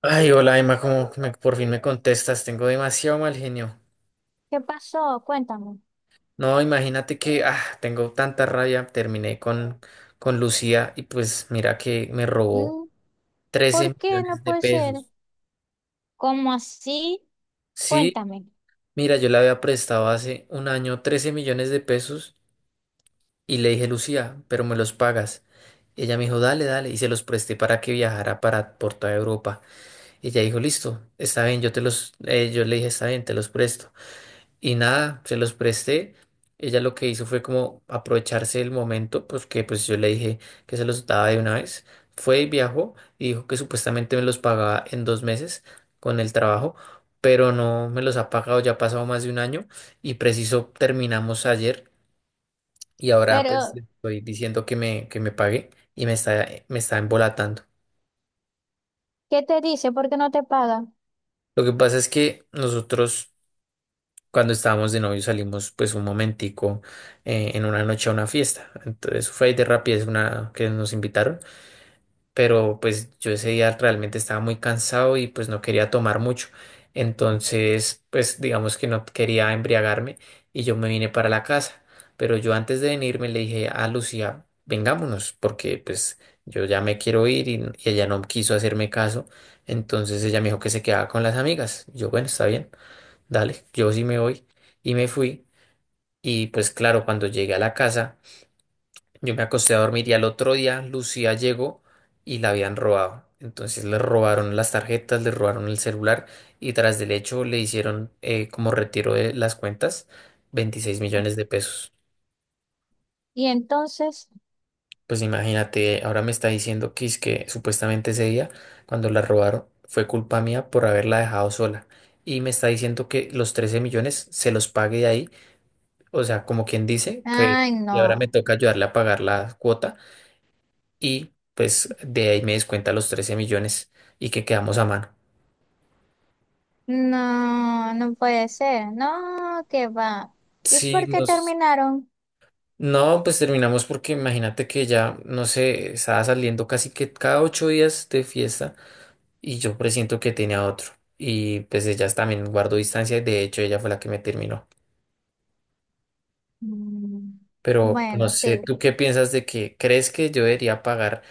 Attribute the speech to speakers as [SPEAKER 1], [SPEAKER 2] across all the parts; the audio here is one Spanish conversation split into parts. [SPEAKER 1] Ay, hola Emma, como que por fin me contestas, tengo demasiado mal genio.
[SPEAKER 2] ¿Qué pasó? Cuéntame.
[SPEAKER 1] No, imagínate que tengo tanta rabia, terminé con Lucía y pues mira que me robó
[SPEAKER 2] Mm.
[SPEAKER 1] 13
[SPEAKER 2] ¿Por qué no
[SPEAKER 1] millones de
[SPEAKER 2] puede ser?
[SPEAKER 1] pesos.
[SPEAKER 2] ¿Cómo así?
[SPEAKER 1] Sí,
[SPEAKER 2] Cuéntame.
[SPEAKER 1] mira, yo le había prestado hace un año 13 millones de pesos y le dije, Lucía, pero me los pagas. Ella me dijo, dale, dale, y se los presté para que viajara por toda Europa. Ella dijo, listo, está bien, yo le dije, está bien, te los presto. Y nada, se los presté. Ella lo que hizo fue como aprovecharse del momento, pues que pues yo le dije que se los daba de una vez. Fue y viajó y dijo que supuestamente me los pagaba en 2 meses con el trabajo, pero no me los ha pagado, ya ha pasado más de un año y preciso terminamos ayer y ahora pues le
[SPEAKER 2] Pero,
[SPEAKER 1] estoy diciendo que me pague y me está embolatando.
[SPEAKER 2] ¿qué te dice? ¿Por qué no te paga?
[SPEAKER 1] Lo que pasa es que nosotros. Cuando estábamos de novio salimos pues un momentico en una noche a una fiesta. Entonces fue de rapidez una que nos invitaron, pero pues yo ese día realmente estaba muy cansado y pues no quería tomar mucho. Entonces pues digamos que no quería embriagarme y yo me vine para la casa. Pero yo antes de venirme le dije a Lucía, vengámonos, porque pues yo ya me quiero ir y ella no quiso hacerme caso. Entonces ella me dijo que se quedaba con las amigas. Yo, bueno, está bien dale, yo sí me voy. Y me fui. Y pues claro, cuando llegué a la casa, yo me acosté a dormir y al otro día Lucía llegó y la habían robado. Entonces le robaron las tarjetas, le robaron el celular y tras del hecho le hicieron como retiro de las cuentas 26 millones de pesos.
[SPEAKER 2] Y entonces,
[SPEAKER 1] Pues imagínate, ahora me está diciendo que es que supuestamente ese día, cuando la robaron, fue culpa mía por haberla dejado sola. Y me está diciendo que los 13 millones se los pague de ahí. O sea, como quien dice que,
[SPEAKER 2] ay,
[SPEAKER 1] y ahora me
[SPEAKER 2] no,
[SPEAKER 1] toca ayudarle a pagar la cuota y pues de ahí me descuenta los 13 millones y que quedamos a mano.
[SPEAKER 2] no, no puede ser. No, que va. ¿Y
[SPEAKER 1] Sí.
[SPEAKER 2] por qué terminaron?
[SPEAKER 1] No, pues terminamos porque imagínate que ya, no sé, estaba saliendo casi que cada 8 días de fiesta y yo presiento que tenía otro. Y pues ella también guardó distancia y de hecho ella fue la que me terminó.
[SPEAKER 2] Mm.
[SPEAKER 1] Pero no
[SPEAKER 2] Bueno,
[SPEAKER 1] sé,
[SPEAKER 2] sí.
[SPEAKER 1] ¿tú qué piensas de que crees que yo debería pagar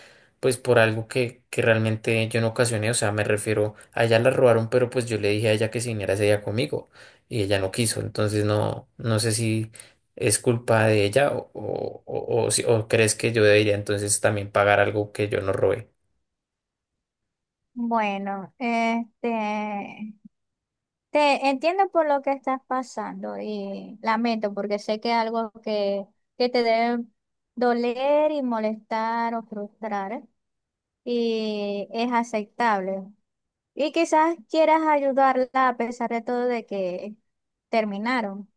[SPEAKER 1] pues por algo que realmente yo no ocasioné? O sea, me refiero, a ella la robaron, pero pues yo le dije a ella que se viniera ese día conmigo y ella no quiso. Entonces no, no sé si es culpa de ella o si- o crees que yo debería entonces también pagar algo que yo no robé.
[SPEAKER 2] Bueno, te entiendo por lo que estás pasando y lamento porque sé que es algo que te debe doler y molestar o frustrar y es aceptable. Y quizás quieras ayudarla a pesar de todo de que terminaron.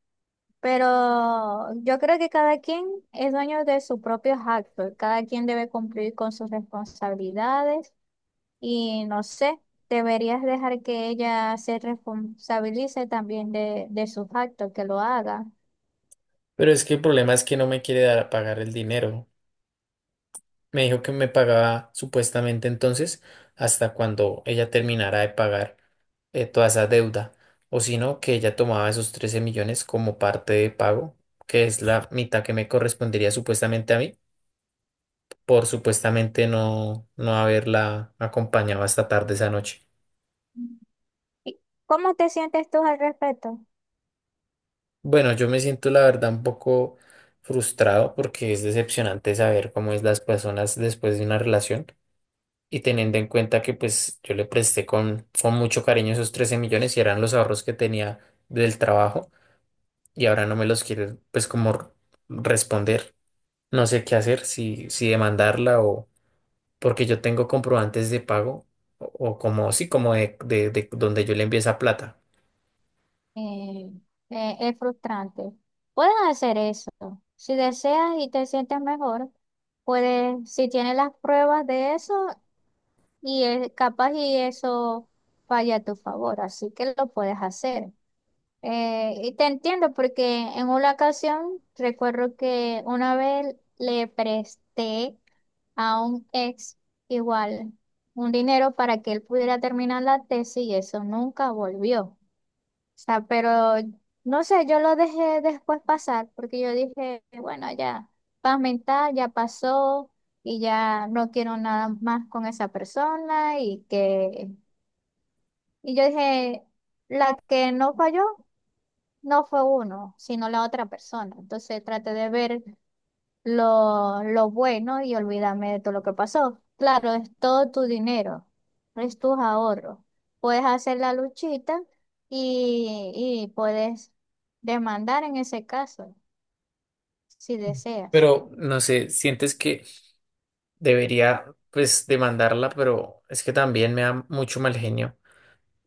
[SPEAKER 2] Pero yo creo que cada quien es dueño de sus propios actos, cada quien debe cumplir con sus responsabilidades y no sé, deberías dejar que ella se responsabilice también de sus actos, que lo haga.
[SPEAKER 1] Pero es que el problema es que no me quiere dar a pagar el dinero. Me dijo que me pagaba supuestamente entonces hasta cuando ella terminara de pagar toda esa deuda, o si no, que ella tomaba esos 13 millones como parte de pago, que es la mitad que me correspondería supuestamente a mí, por supuestamente no haberla acompañado hasta tarde esa noche.
[SPEAKER 2] ¿Y ¿Cómo te sientes tú al respecto?
[SPEAKER 1] Bueno, yo me siento la verdad un poco frustrado porque es decepcionante saber cómo es las personas después de una relación. Y teniendo en cuenta que pues yo le presté con mucho cariño esos 13 millones y eran los ahorros que tenía del trabajo y ahora no me los quiere pues como responder. No sé qué hacer, si demandarla o porque yo tengo comprobantes de pago o como sí, como de donde yo le envié esa plata.
[SPEAKER 2] Eh, es frustrante. Puedes hacer eso. Si deseas y te sientes mejor, puedes, si tienes las pruebas de eso. Y capaz y eso vaya a tu favor, así que lo puedes hacer. Y te entiendo porque en una ocasión recuerdo que una vez le presté a un ex igual un dinero para que él pudiera terminar la tesis y eso nunca volvió sea, pero no sé, yo lo dejé después pasar porque yo dije, bueno, ya, paz mental, ya pasó y ya no quiero nada más con esa persona y que, y yo dije, la que no falló no fue uno, sino la otra persona. Entonces traté de ver lo bueno y olvídame de todo lo que pasó. Claro, es todo tu dinero, es tus ahorros. Puedes hacer la luchita y puedes demandar en ese caso, si deseas.
[SPEAKER 1] Pero no sé, sientes que debería pues demandarla, pero es que también me da mucho mal genio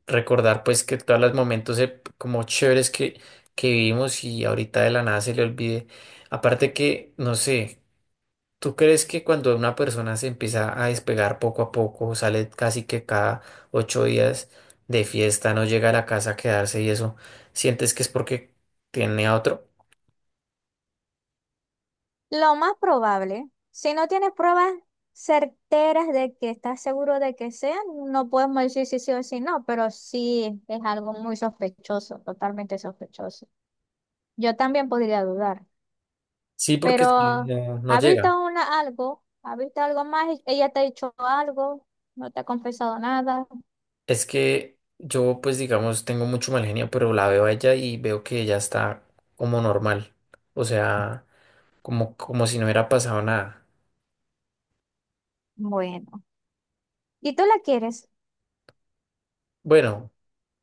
[SPEAKER 1] recordar pues que todos los momentos como chéveres que vivimos y ahorita de la nada se le olvide. Aparte que, no sé, ¿tú crees que cuando una persona se empieza a despegar poco a poco, sale casi que cada 8 días de fiesta, no llega a la casa a quedarse y eso, sientes que es porque tiene a otro?
[SPEAKER 2] Lo más probable, si no tienes pruebas certeras de que estás seguro de que sea, no podemos decir si sí o si no, pero sí es algo muy sospechoso, totalmente sospechoso. Yo también podría dudar.
[SPEAKER 1] Sí, porque
[SPEAKER 2] Pero
[SPEAKER 1] es que no
[SPEAKER 2] ¿ha visto
[SPEAKER 1] llega.
[SPEAKER 2] una, algo? ¿Ha visto algo más? ¿Ella te ha dicho algo? ¿No te ha confesado nada?
[SPEAKER 1] Es que yo pues digamos tengo mucho mal genio, pero la veo a ella y veo que ella está como normal. O sea, como si no hubiera pasado nada.
[SPEAKER 2] Bueno. ¿Y tú la quieres?
[SPEAKER 1] Bueno,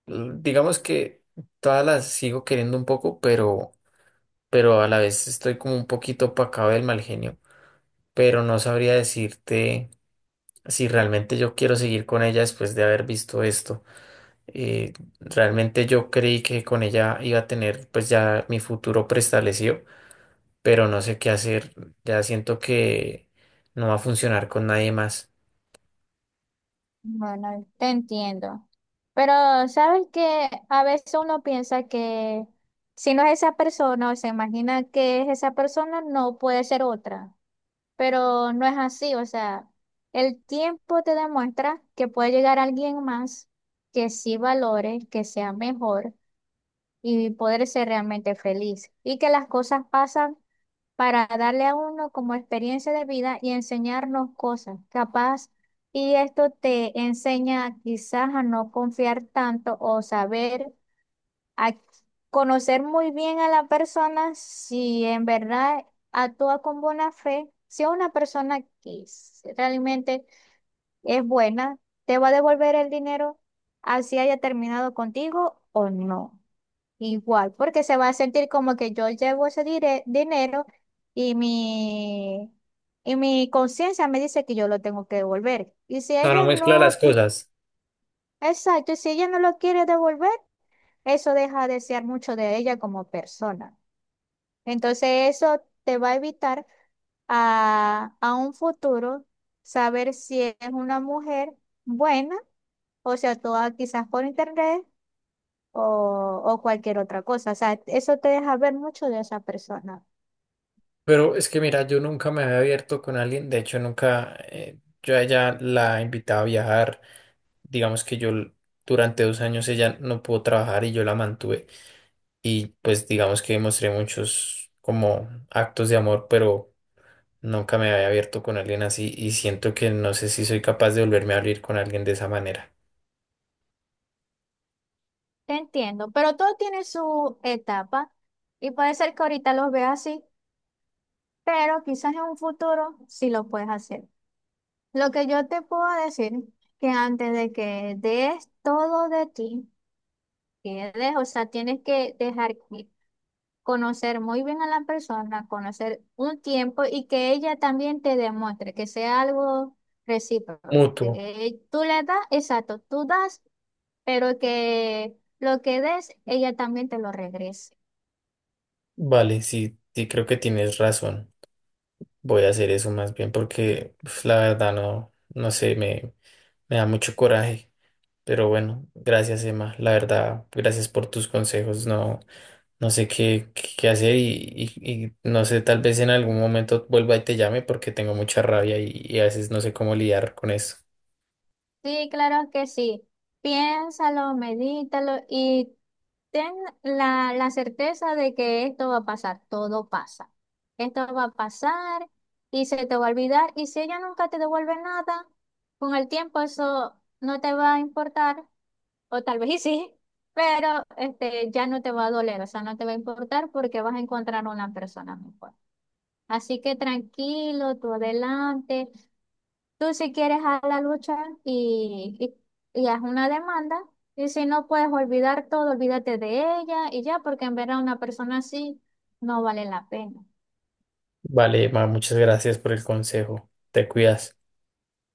[SPEAKER 1] digamos que todas las sigo queriendo un poco, pero a la vez estoy como un poquito opacado del mal genio, pero no sabría decirte si realmente yo quiero seguir con ella después de haber visto esto. Eh, Realmente yo creí que con ella iba a tener pues ya mi futuro preestablecido, pero no sé qué hacer, ya siento que no va a funcionar con nadie más.
[SPEAKER 2] Bueno, te entiendo. Pero sabes que a veces uno piensa que si no es esa persona o se imagina que es esa persona, no puede ser otra. Pero no es así. O sea, el tiempo te demuestra que puede llegar alguien más que sí valore, que sea mejor y poder ser realmente feliz. Y que las cosas pasan para darle a uno como experiencia de vida y enseñarnos cosas, capaz. Y esto te enseña quizás a no confiar tanto o saber, a conocer muy bien a la persona si en verdad actúa con buena fe. Si es una persona que realmente es buena, te va a devolver el dinero así haya terminado contigo o no. Igual, porque se va a sentir como que yo llevo ese dinero y mi, y mi conciencia me dice que yo lo tengo que devolver. Y si
[SPEAKER 1] O sea, no
[SPEAKER 2] ella
[SPEAKER 1] mezcla las
[SPEAKER 2] no,
[SPEAKER 1] cosas.
[SPEAKER 2] exacto, y si ella no lo quiere devolver, eso deja de ser mucho de ella como persona. Entonces eso te va a evitar a un futuro saber si es una mujer buena, o sea, toda quizás por internet o cualquier otra cosa. O sea, eso te deja ver mucho de esa persona.
[SPEAKER 1] Pero es que mira, yo nunca me había abierto con alguien, de hecho nunca, yo a ella la invitaba a viajar, digamos que yo durante 2 años ella no pudo trabajar y yo la mantuve y pues digamos que mostré muchos como actos de amor, pero nunca me había abierto con alguien así y siento que no sé si soy capaz de volverme a abrir con alguien de esa manera.
[SPEAKER 2] Te entiendo, pero todo tiene su etapa y puede ser que ahorita los veas así, pero quizás en un futuro sí lo puedes hacer. Lo que yo te puedo decir que antes de que des todo de ti, que des, o sea, tienes que dejar conocer muy bien a la persona, conocer un tiempo y que ella también te demuestre que sea algo recíproco, que
[SPEAKER 1] Mutuo,
[SPEAKER 2] tú le das, exacto, tú das, pero que lo que des, ella también te lo regrese.
[SPEAKER 1] vale, sí, sí creo que tienes razón, voy a hacer eso más bien porque uf, la verdad no, no sé, me da mucho coraje. Pero bueno, gracias Emma, la verdad, gracias por tus consejos. No, no sé qué hacer y no sé, tal vez en algún momento vuelva y te llame porque tengo mucha rabia y a veces no sé cómo lidiar con eso.
[SPEAKER 2] Sí, claro que sí. Piénsalo, medítalo y ten la certeza de que esto va a pasar, todo pasa. Esto va a pasar y se te va a olvidar. Y si ella nunca te devuelve nada, con el tiempo eso no te va a importar, o tal vez y sí, pero este, ya no te va a doler, o sea, no te va a importar porque vas a encontrar una persona mejor. Así que tranquilo, tú adelante. Tú si quieres a la lucha y, y haz una demanda y si no puedes olvidar todo, olvídate de ella y ya, porque en ver a una persona así no vale la pena.
[SPEAKER 1] Vale, Emma, muchas gracias por el consejo. Te cuidas.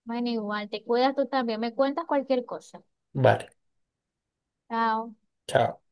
[SPEAKER 2] Bueno, igual, te cuidas tú también, me cuentas cualquier cosa.
[SPEAKER 1] Vale,
[SPEAKER 2] Chao.
[SPEAKER 1] chao.